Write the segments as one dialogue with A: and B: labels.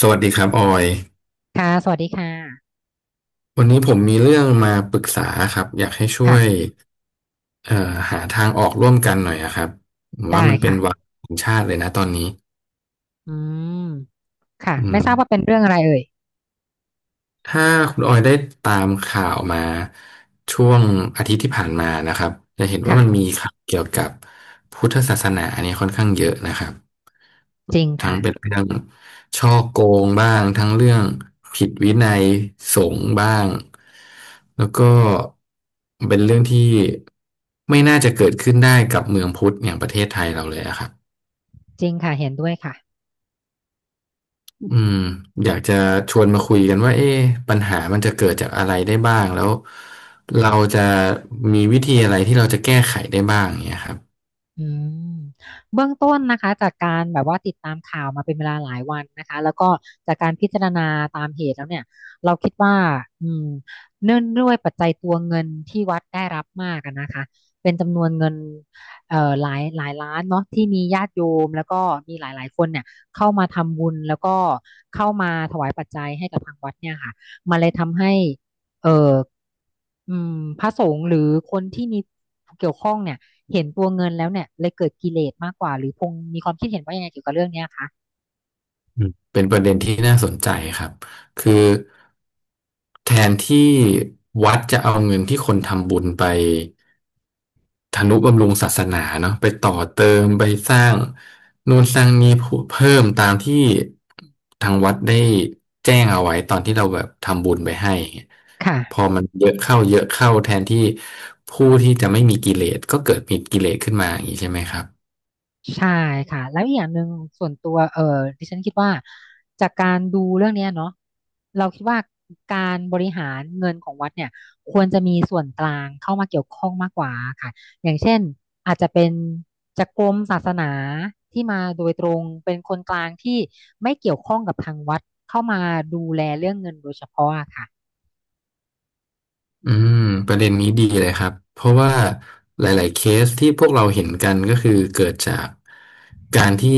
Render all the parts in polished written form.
A: สวัสดีครับออย
B: ค่ะ สวัสดีค่ะ
A: วันนี้ผมมีเรื่องมาปรึกษาครับอยากให้ช่ว
B: ค่ะ
A: ยเอ่อหาทางออกร่วมกันหน่อยอะครับผมว่า
B: ได้
A: มันเป็น
B: ค่ะ
A: วาระของชาติเลยนะตอนนี้
B: อืม ค่ะ
A: อื
B: ไม่
A: ม
B: ทราบว่าเป็นเรื่องอะไรเอ่ย
A: ถ้าคุณออยได้ตามข่าวมาช่วงอาทิตย์ที่ผ่านมานะครับจะเห็นว่ามัน
B: ค่ะ
A: มีข่าวเกี่ยวกับพุทธศาสนาเนี่ยค่อนข้างเยอะนะครับ
B: จริง
A: ทั้
B: ค่ะ
A: งเป็นเรื่องฉ้อโกงบ้างทั้งเรื่องผิดวินัยสงฆ์บ้างแล้วก็เป็นเรื่องที่ไม่น่าจะเกิดขึ้นได้กับเมืองพุทธอย่างประเทศไทยเราเลยอะครับ
B: จริงค่ะ เห็นด้วยค่ะ
A: อืมอยากจะชวนมาคุยกันว่าเอ๊ะปัญหามันจะเกิดจากอะไรได้บ้างแล้วเราจะมีวิธีอะไรที่เราจะแก้ไขได้บ้างเนี่ยครับ
B: อืมเบื้องต้นนะคะจากการแบบว่าติดตามข่าวมาเป็นเวลาหลายวันนะคะแล้วก็จากการพิจารณาตามเหตุแล้วเนี่ยเราคิดว่าอืมเนื่องด้วยปัจจัยตัวเงินที่วัดได้รับมากอะนะคะเป็นจำนวนเงินหลายล้านเนาะที่มีญาติโยมแล้วก็มีหลายๆคนเนี่ยเข้ามาทำบุญแล้วก็เข้ามาถวายปัจจัยให้กับทางวัดเนี่ยค่ะมันเลยทำให้ เอ่ออืมพระสงฆ์หรือคนที่มีเกี่ยวข้องเนี่ยเห็นตัวเงินแล้วเนี่ยเลยเกิดกิเลสมากกว่าหรือพงมีความคิดเห็นว่ายังไงเกี่ยวกับเรื่องเนี้ยคะ
A: อืมเป็นประเด็นที่น่าสนใจครับคือแทนที่วัดจะเอาเงินที่คนทำบุญไป ทนุบำรุงศาสนาเนาะไปต่อเติมไปสร้างนู่นสร้างนี่เพิ่มตามที่ทางวัดได้แจ้งเอาไว้ตอนที่เราแบบทำบุญไปให้อย่างเงี้ย
B: ค่ะ
A: พอมันเยอะเข้าเยอะเข้าแทนที่ผู้ที่จะไม่มีกิเลสก็เกิดมีกิเลสขึ้นมาอย่างนี้ใช่ไหมครับ
B: ใช่ค่ะแล้วอีกอย่างหนึ่งส่วนตัวดิฉันคิดว่าจากการดูเรื่องเนี้ยเนาะเราคิดว่าการบริหารเงินของวัดเนี่ยควรจะมีส่วนกลางเข้ามาเกี่ยวข้องมากกว่าค่ะอย่างเช่นอาจจะเป็นจากกรมศาสนาที่มาโดยตรงเป็นคนกลางที่ไม่เกี่ยวข้องกับทางวัดเข้ามาดูแลเรื่องเงินโดยเฉพาะอะค่ะ
A: อืมประเด็นนี้ดีเลยครับเพราะว่าหลายๆเคสที่พวกเราเห็นกันก็คือเกิดจากการที่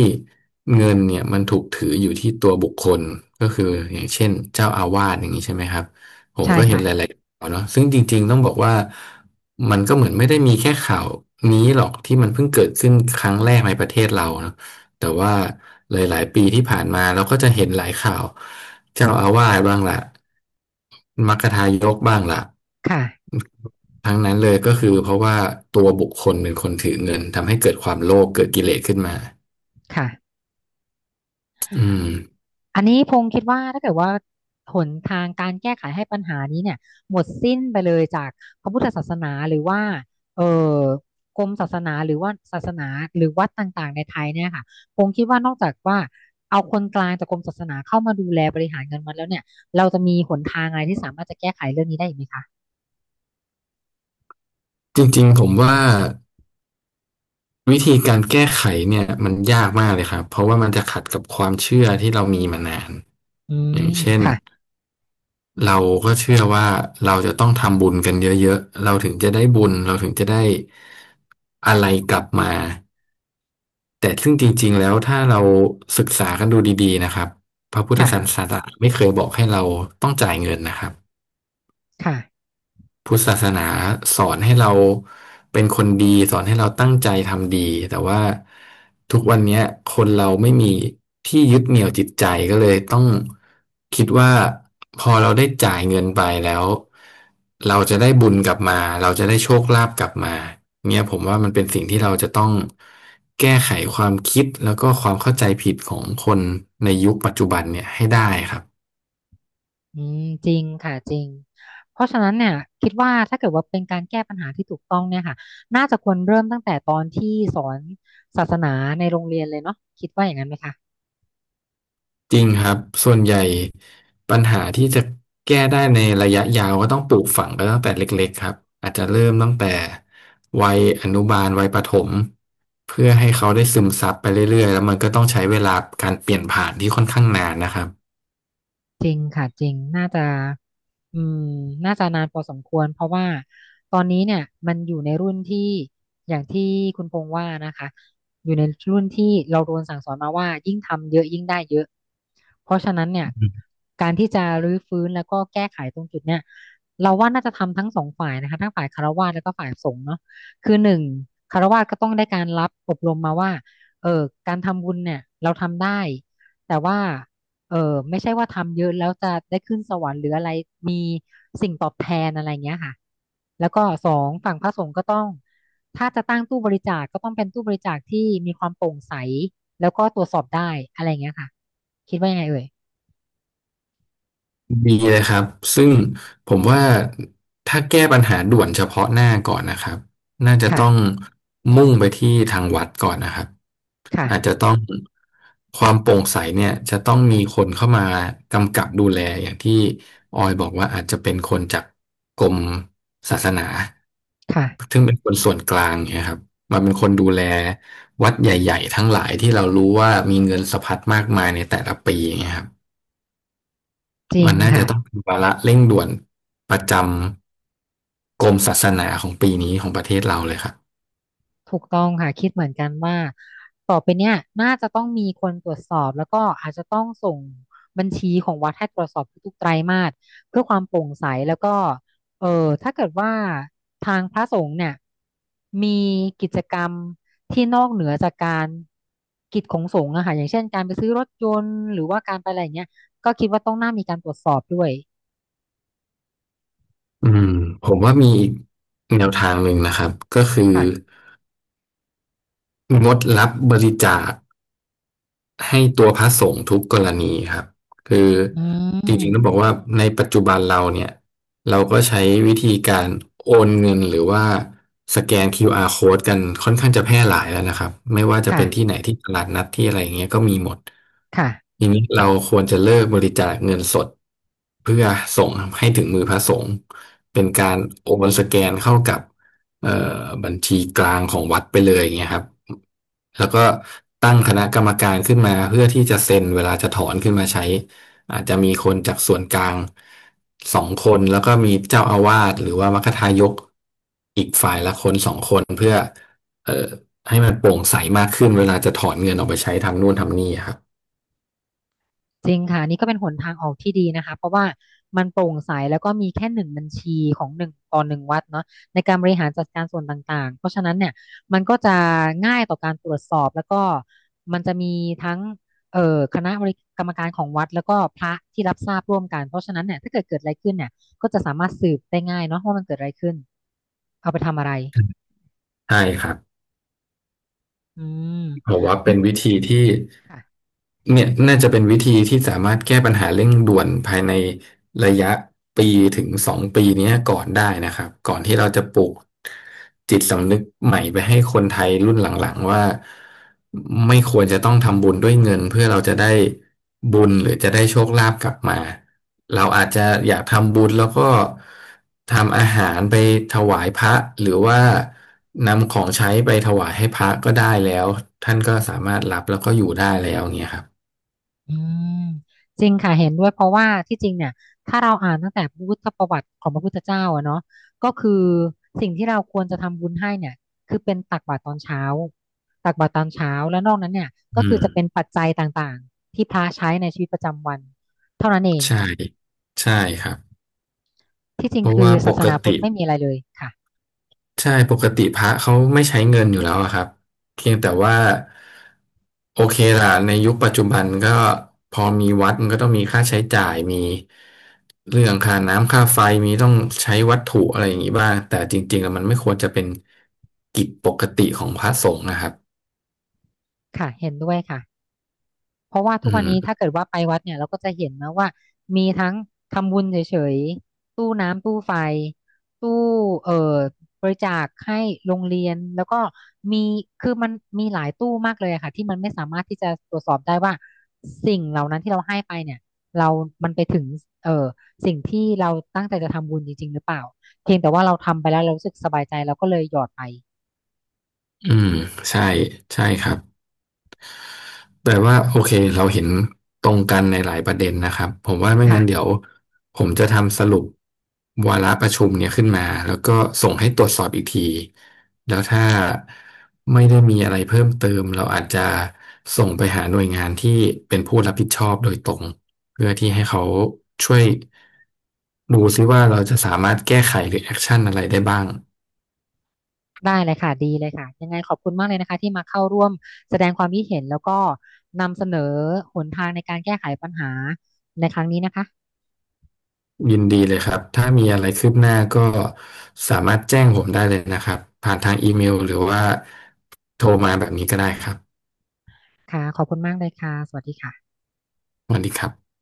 A: เงินเนี่ยมันถูกถืออยู่ที่ตัวบุคคลก็คืออย่างเช่นเจ้าอาวาสอย่างนี้ใช่ไหมครับผม
B: ใช่
A: ก็เห็น
B: ค่ะ
A: หลายๆข่าวเนาะซึ่งจริงๆต้องบอกว่ามันก็เหมือนไม่ได้มีแค่ข่าวนี้หรอกที่มันเพิ่งเกิดขึ้นครั้งแรกในประเทศเราเนาะแต่ว่าหลายๆปีที่ผ่านมาเราก็จะเห็นหลายข่าวเจ้าอาวาสบ้างล่ะมัคคทายกบ้างล่ะ
B: ค่ะ
A: ทั้งนั้นเลยก็คือเพราะว่าตัวบุคคลเป็นคนถือเงินทำให้เกิดความโลภเกิดกิเลสขึ้นมา
B: ค่ะ
A: อืม
B: อันนี้พงษ์คิดว่าถ้าเกิดว่าหนทางการแก้ไขให้ปัญหานี้เนี่ยหมดสิ้นไปเลยจากพระพุทธศาสนาหรือว่าเออกรมศาสนาหรือว่าศาสนาหรือวัดต่างๆในไทยเนี่ยค่ะพงษ์คิดว่านอกจากว่าเอาคนกลางจากกรมศาสนาเข้ามาดูแลบริหารเงินวัดแล้วเนี่ยเราจะมีหนทางอะไรที่สามารถจะแก้ไขเรื่องนี้ได้อีกไหมคะ
A: จริงๆผมว่าวิธีการแก้ไขเนี่ยมันยากมากเลยครับเพราะว่ามันจะขัดกับความเชื่อที่เรามีมานาน
B: อื
A: อ
B: ม
A: ย่างเช่น
B: ค่ะ
A: เราก็เชื่อว่าเราจะต้องทำบุญกันเยอะๆเราถึงจะได้บุญเราถึงจะได้อะไรกลับมาแต่ซึ่งจริงๆแล้วถ้าเราศึกษากันดูดีๆนะครับพระพุทธศา
B: ค่ะ
A: สนาไม่เคยบอกให้เราต้องจ่ายเงินนะครับ
B: ค่ะ
A: พุทธศาสนาสอนให้เราเป็นคนดีสอนให้เราตั้งใจทำดีแต่ว่าทุกวันเนี้ยคนเราไม่มีที่ยึดเหนี่ยวจิตใจก็เลยต้องคิดว่าพอเราได้จ่ายเงินไปแล้วเราจะได้บุญกลับมาเราจะได้โชคลาภกลับมาเนี่ยผมว่ามันเป็นสิ่งที่เราจะต้องแก้ไขความคิดแล้วก็ความเข้าใจผิดของคนในยุคปัจจุบันเนี่ยให้ได้ครับ
B: อืมจริงค่ะจริงเพราะฉะนั้นเนี่ยคิดว่าถ้าเกิดว่าเป็นการแก้ปัญหาที่ถูกต้องเนี่ยค่ะน่าจะควรเริ่มตั้งแต่ตอนที่สอนศาสนาในโรงเรียนเลยเนาะคิดว่าอย่างนั้นไหมคะ
A: จริงครับส่วนใหญ่ปัญหาที่จะแก้ได้ในระยะยาวก็ต้องปลูกฝังกันตั้งแต่เล็กๆครับอาจจะเริ่มตั้งแต่วัยอนุบาลวัยประถมเพื่อให้เขาได้ซึมซับไปเรื่อยๆแล้วมันก็ต้องใช้เวลาการเปลี่ยนผ่านที่ค่อนข้างนานนะครับ
B: จริงค่ะจริงน่าจะอืมน่าจะนานพอสมควรเพราะว่าตอนนี้เนี่ยมันอยู่ในรุ่นที่อย่างที่คุณพงษ์ว่านะคะอยู่ในรุ่นที่เราโดนสั่งสอนมาว่ายิ่งทำเยอะยิ่งได้เยอะเพราะฉะนั้นเนี่ยการที่จะรื้อฟื้นแล้วก็แก้ไขตรงจุดเนี่ยเราว่าน่าจะทำทั้งสองฝ่ายนะคะทั้งฝ่ายคฤหัสถ์แล้วก็ฝ่ายสงฆ์เนาะคือหนึ่งคฤหัสถ์ก็ต้องได้การรับอบรมมาว่าเออการทำบุญเนี่ยเราทำได้แต่ว่า เออไม่ใช่ว่าทำเยอะแล้วจะได้ขึ้นสวรรค์หรืออะไรมีสิ่งตอบแทนอะไรเงี้ยค่ะแล้วก็สองฝั่งพระสงฆ์ก็ต้องถ้าจะตั้งตู้บริจาคก็ต้องเป็นตู้บริจาคที่มีความโปร่งใสแล้วก็ตรวจสอบได้อะไรเงี้ยค่ะคิดว่ายังไงเอ่ย
A: มีเลยครับซึ่งผมว่าถ้าแก้ปัญหาด่วนเฉพาะหน้าก่อนนะครับน่าจะต้อง
B: ค่ะ
A: มุ่งไปที่ทางวัดก่อนนะครับ
B: ค่ะ
A: อาจจะต้องความโปร่งใสเนี่ยจะต้องมีคนเข้ามากำกับดูแลอย่างที่ออยบอกว่าอาจจะเป็นคนจากกรมศาสนา
B: ค่ะ
A: ซึ่งเป็นคนส่วนกลางเนี่ยครับมาเป็นคนดูแลวัดใหญ่ๆทั้งหลายที่เรารู้ว่ามีเงินสะพัดมากมายในแต่ละปีอย่างเงี้ยครับ
B: จริ
A: มั
B: ง
A: นน่าจะ
B: ค่ะ
A: ต้องเป็นวาระเร่งด่วนประจำกรมศาสนาของปีนี้ของประเทศเราเลยครับ
B: ถูกต้องค่ะคิดเหมือนกันว่าต่อไปเนี่ยน่าจะต้องมีคนตรวจสอบแล้วก็อาจจะต้องส่งบัญชีของวัดให้ตรวจสอบทุกๆไตรมาสเพื่อความโปร่งใสแล้วก็เออถ้าเกิดว่าทางพระสงฆ์เนี่ยมีกิจกรรมที่นอกเหนือจากการกิจของสงฆ์อะค่ะอย่างเช่นการไปซื้อรถยนต์หรือว่าการไปอะไรอย่างเงี้ย
A: อืมผมว่ามีอีกแนวทางหนึ่งนะครับก็คือ
B: ค่ะ
A: งดรับบริจาค ให้ตัวพระสงฆ์ทุกกรณีครับคือ
B: อื
A: จ
B: ม
A: ริงๆต้องบอกว่าในปัจจุบันเราเนี่ยเราก็ใช้วิธีการโอนเงินหรือว่าสแกน QR code กันค่อนข้างจะแพร่หลายแล้วนะครับไม่ว่าจะเป็นที่ไห
B: ค่ะ
A: นที่ตลาดนัดที่อะไรอย่างเงี้ยก็มีหมด
B: ค่ะ
A: ทีนี้เราควรจะเลิกบริจาคเงินสดเพื่อส่งให้ถึงมือพระสงฆ์เป็นการโอนสแกนเข้ากับ เอ่อบัญชีกลางของวัดไปเลยอย่างเงี้ยครับแล้วก็ตั้งคณะกรรมการขึ้นมาเพื่อที่จะเซ็นเวลาจะถอนขึ้นมาใช้อาจจะมีคนจากส่วนกลางสองคนแล้วก็มีเจ้าอาวาสหรือว่ามัคคทายกอีกฝ่ายละ1-2 คนเอ่อให้มันโปร่งใสมากขึ้นเวลาจะถอนเงินออกไปใช้ทำนู่นทำนี่ครับ
B: จริงค่ะอันนี่ก็เป็นหนทางออกที่ดีนะคะเพราะว่ามันโปร่งใสแล้วก็มีแค่หนึ่งบัญชีของหนึ่งต่อหนึ่งวัดเนาะในการบริหารจัดการส่วนต่างๆเพราะฉะนั้นเนี่ยมันก็จะง่ายต่อการตรวจสอบแล้วก็มันจะมีทั้งเอ่อคณะบริกรรมการของวัดแล้วก็พระที่รับทราบร่วมกันเพราะฉะนั้นเนี่ยถ้าเกิดอะไรขึ้นเนี่ยก็จะสามารถสืบได้ง่ายเนาะว่ามันเกิดอะไรขึ้นเอาไปทำอะไร
A: ใช่ครับ
B: อืม
A: ผมว่าเป็นวิธีที่
B: ค่ะ
A: เนี่ยน่าจะเป็นวิธีที่สามารถแก้ปัญหาเร่งด่วนภายในระยะ1 ถึง 2 ปีเนี้ยก่อนได้นะครับก่อนที่เราจะปลูกจิตสำนึกใหม่ไปให้คนไทยรุ่นหลังๆว่าไม่ควรจะต้องทำบุญด้วยเงินเพื่อเราจะได้บุญหรือจะได้โชคลาภกลับมาเราอาจจะอยากทำบุญแล้วก็ ทำอาหารไปถวายพระหรือว่านำของใช้ไปถวายให้พระก็ได้แล้วท่านก็สามารถรับแล้วก็อยู่ได้แล้วอย่างเงี้ยครับ
B: อืมจริงค่ะเห็นด้วยเพราะว่าที่จริงเนี่ยถ้าเราอ่านตั้งแต่พุทธประวัติของพระพุทธเจ้าอะเนาะก็คือสิ่งที่เราควรจะทำบุญให้เนี่ยคือเป็นตักบาตรตอนเช้าตักบาตรตอนเช้าแล้วนอกนั้นเนี่ยก็
A: อื
B: คือ
A: ม
B: จะเป็นปัจจัยต่างๆที่พระใช้ในชีวิตประจำวันเท่านั้นเอง
A: ใช่ใช่ครับ
B: ที่จริ
A: เพ
B: ง
A: ราะ
B: คือ
A: ว่าป
B: ศาส
A: ก
B: นาพุท
A: ติ
B: ธไม่มีอะไรเลยค่ะ
A: ใช่ปกติพระเขาไม่ใช้เงินอยู่แล้วอะครับเพียงแต่ว่าโอเคล่ะในยุคปัจจุบันก็พอมีวัดมันก็ต้องมีค่าใช้จ่ายมีเรื่องค่าน้ำค่าไฟมีต้องใช้วัตถุอะไรอย่างนี้บ้างแต่จริงๆแล้วมันไม่ควรจะเป็นกิจปกติของพระสงฆ์นะครับ
B: ค่ะเห็นด้วยค่ะ เพราะว่าทุ
A: อื
B: กวันนี้
A: ม
B: ถ้าเกิดว่าไปวัดเนี่ยเราก็จะเห็นนะว่ามีทั้งทำบุญเฉยๆตู้น้ำตู้ไฟตู้เอ่อบริจาคให้โรงเรียนแล้วก็มีคือมันมีหลายตู้มากเลยอะค่ะที่มันไม่สามารถที่จะตรวจสอบได้ว่าสิ่งเหล่านั้นที่เราให้ไปเนี่ยเรามันไปถึงเอ่อสิ่งที่เราตั้งใจจะทำบุญจริงๆหรือเปล่าเพียงแต่ว่าเราทำไปแล้วเรารู้สึกสบายใจเราก็เลยหยอดไป
A: อืมใช่ใช่ครับ แต่ว่าโอเคเราเห็นตรงกันในหลายประเด็นนะครับผมว่าไม่งั้นเดี๋
B: ค่ะ
A: ยวผมจะทำสรุปวาระประชุมเนี่ยขึ้นมาแล้วก็ส่งให้ตรวจสอบอีกทีแล้วถ้าไม่ได้มีอะไรเพิ่มเติมเราอาจจะส่งไปหาหน่วยงานที่เป็นผู้รับผิดชอบโดยตรงเพื่อที่ให้เขาช่วยดูซิว่าเราจะสามารถแก้ไขหรือแอคชั่นอะไรได้บ้าง
B: ได้เลยค่ะดีเลยค่ะยังไงขอบคุณมากเลยนะคะที่มาเข้าร่วมแสดงความคิดเห็นแล้วก็นำเสนอหนทางในการแก้ไขปัญหาในครั้งนี้นะคะ
A: ยินดีเลยครับ ถ้ามีอะไรคืบหน้าก็สามารถแจ้งผมได้เลยนะครับ ผ่านทางอีเมลหรือว่าโทรมาแบบนี้ก็ได้ครับ
B: ค่ะขอบคุณมากเลยค่ะสวัสดีค่ะ
A: สวัสดีครับ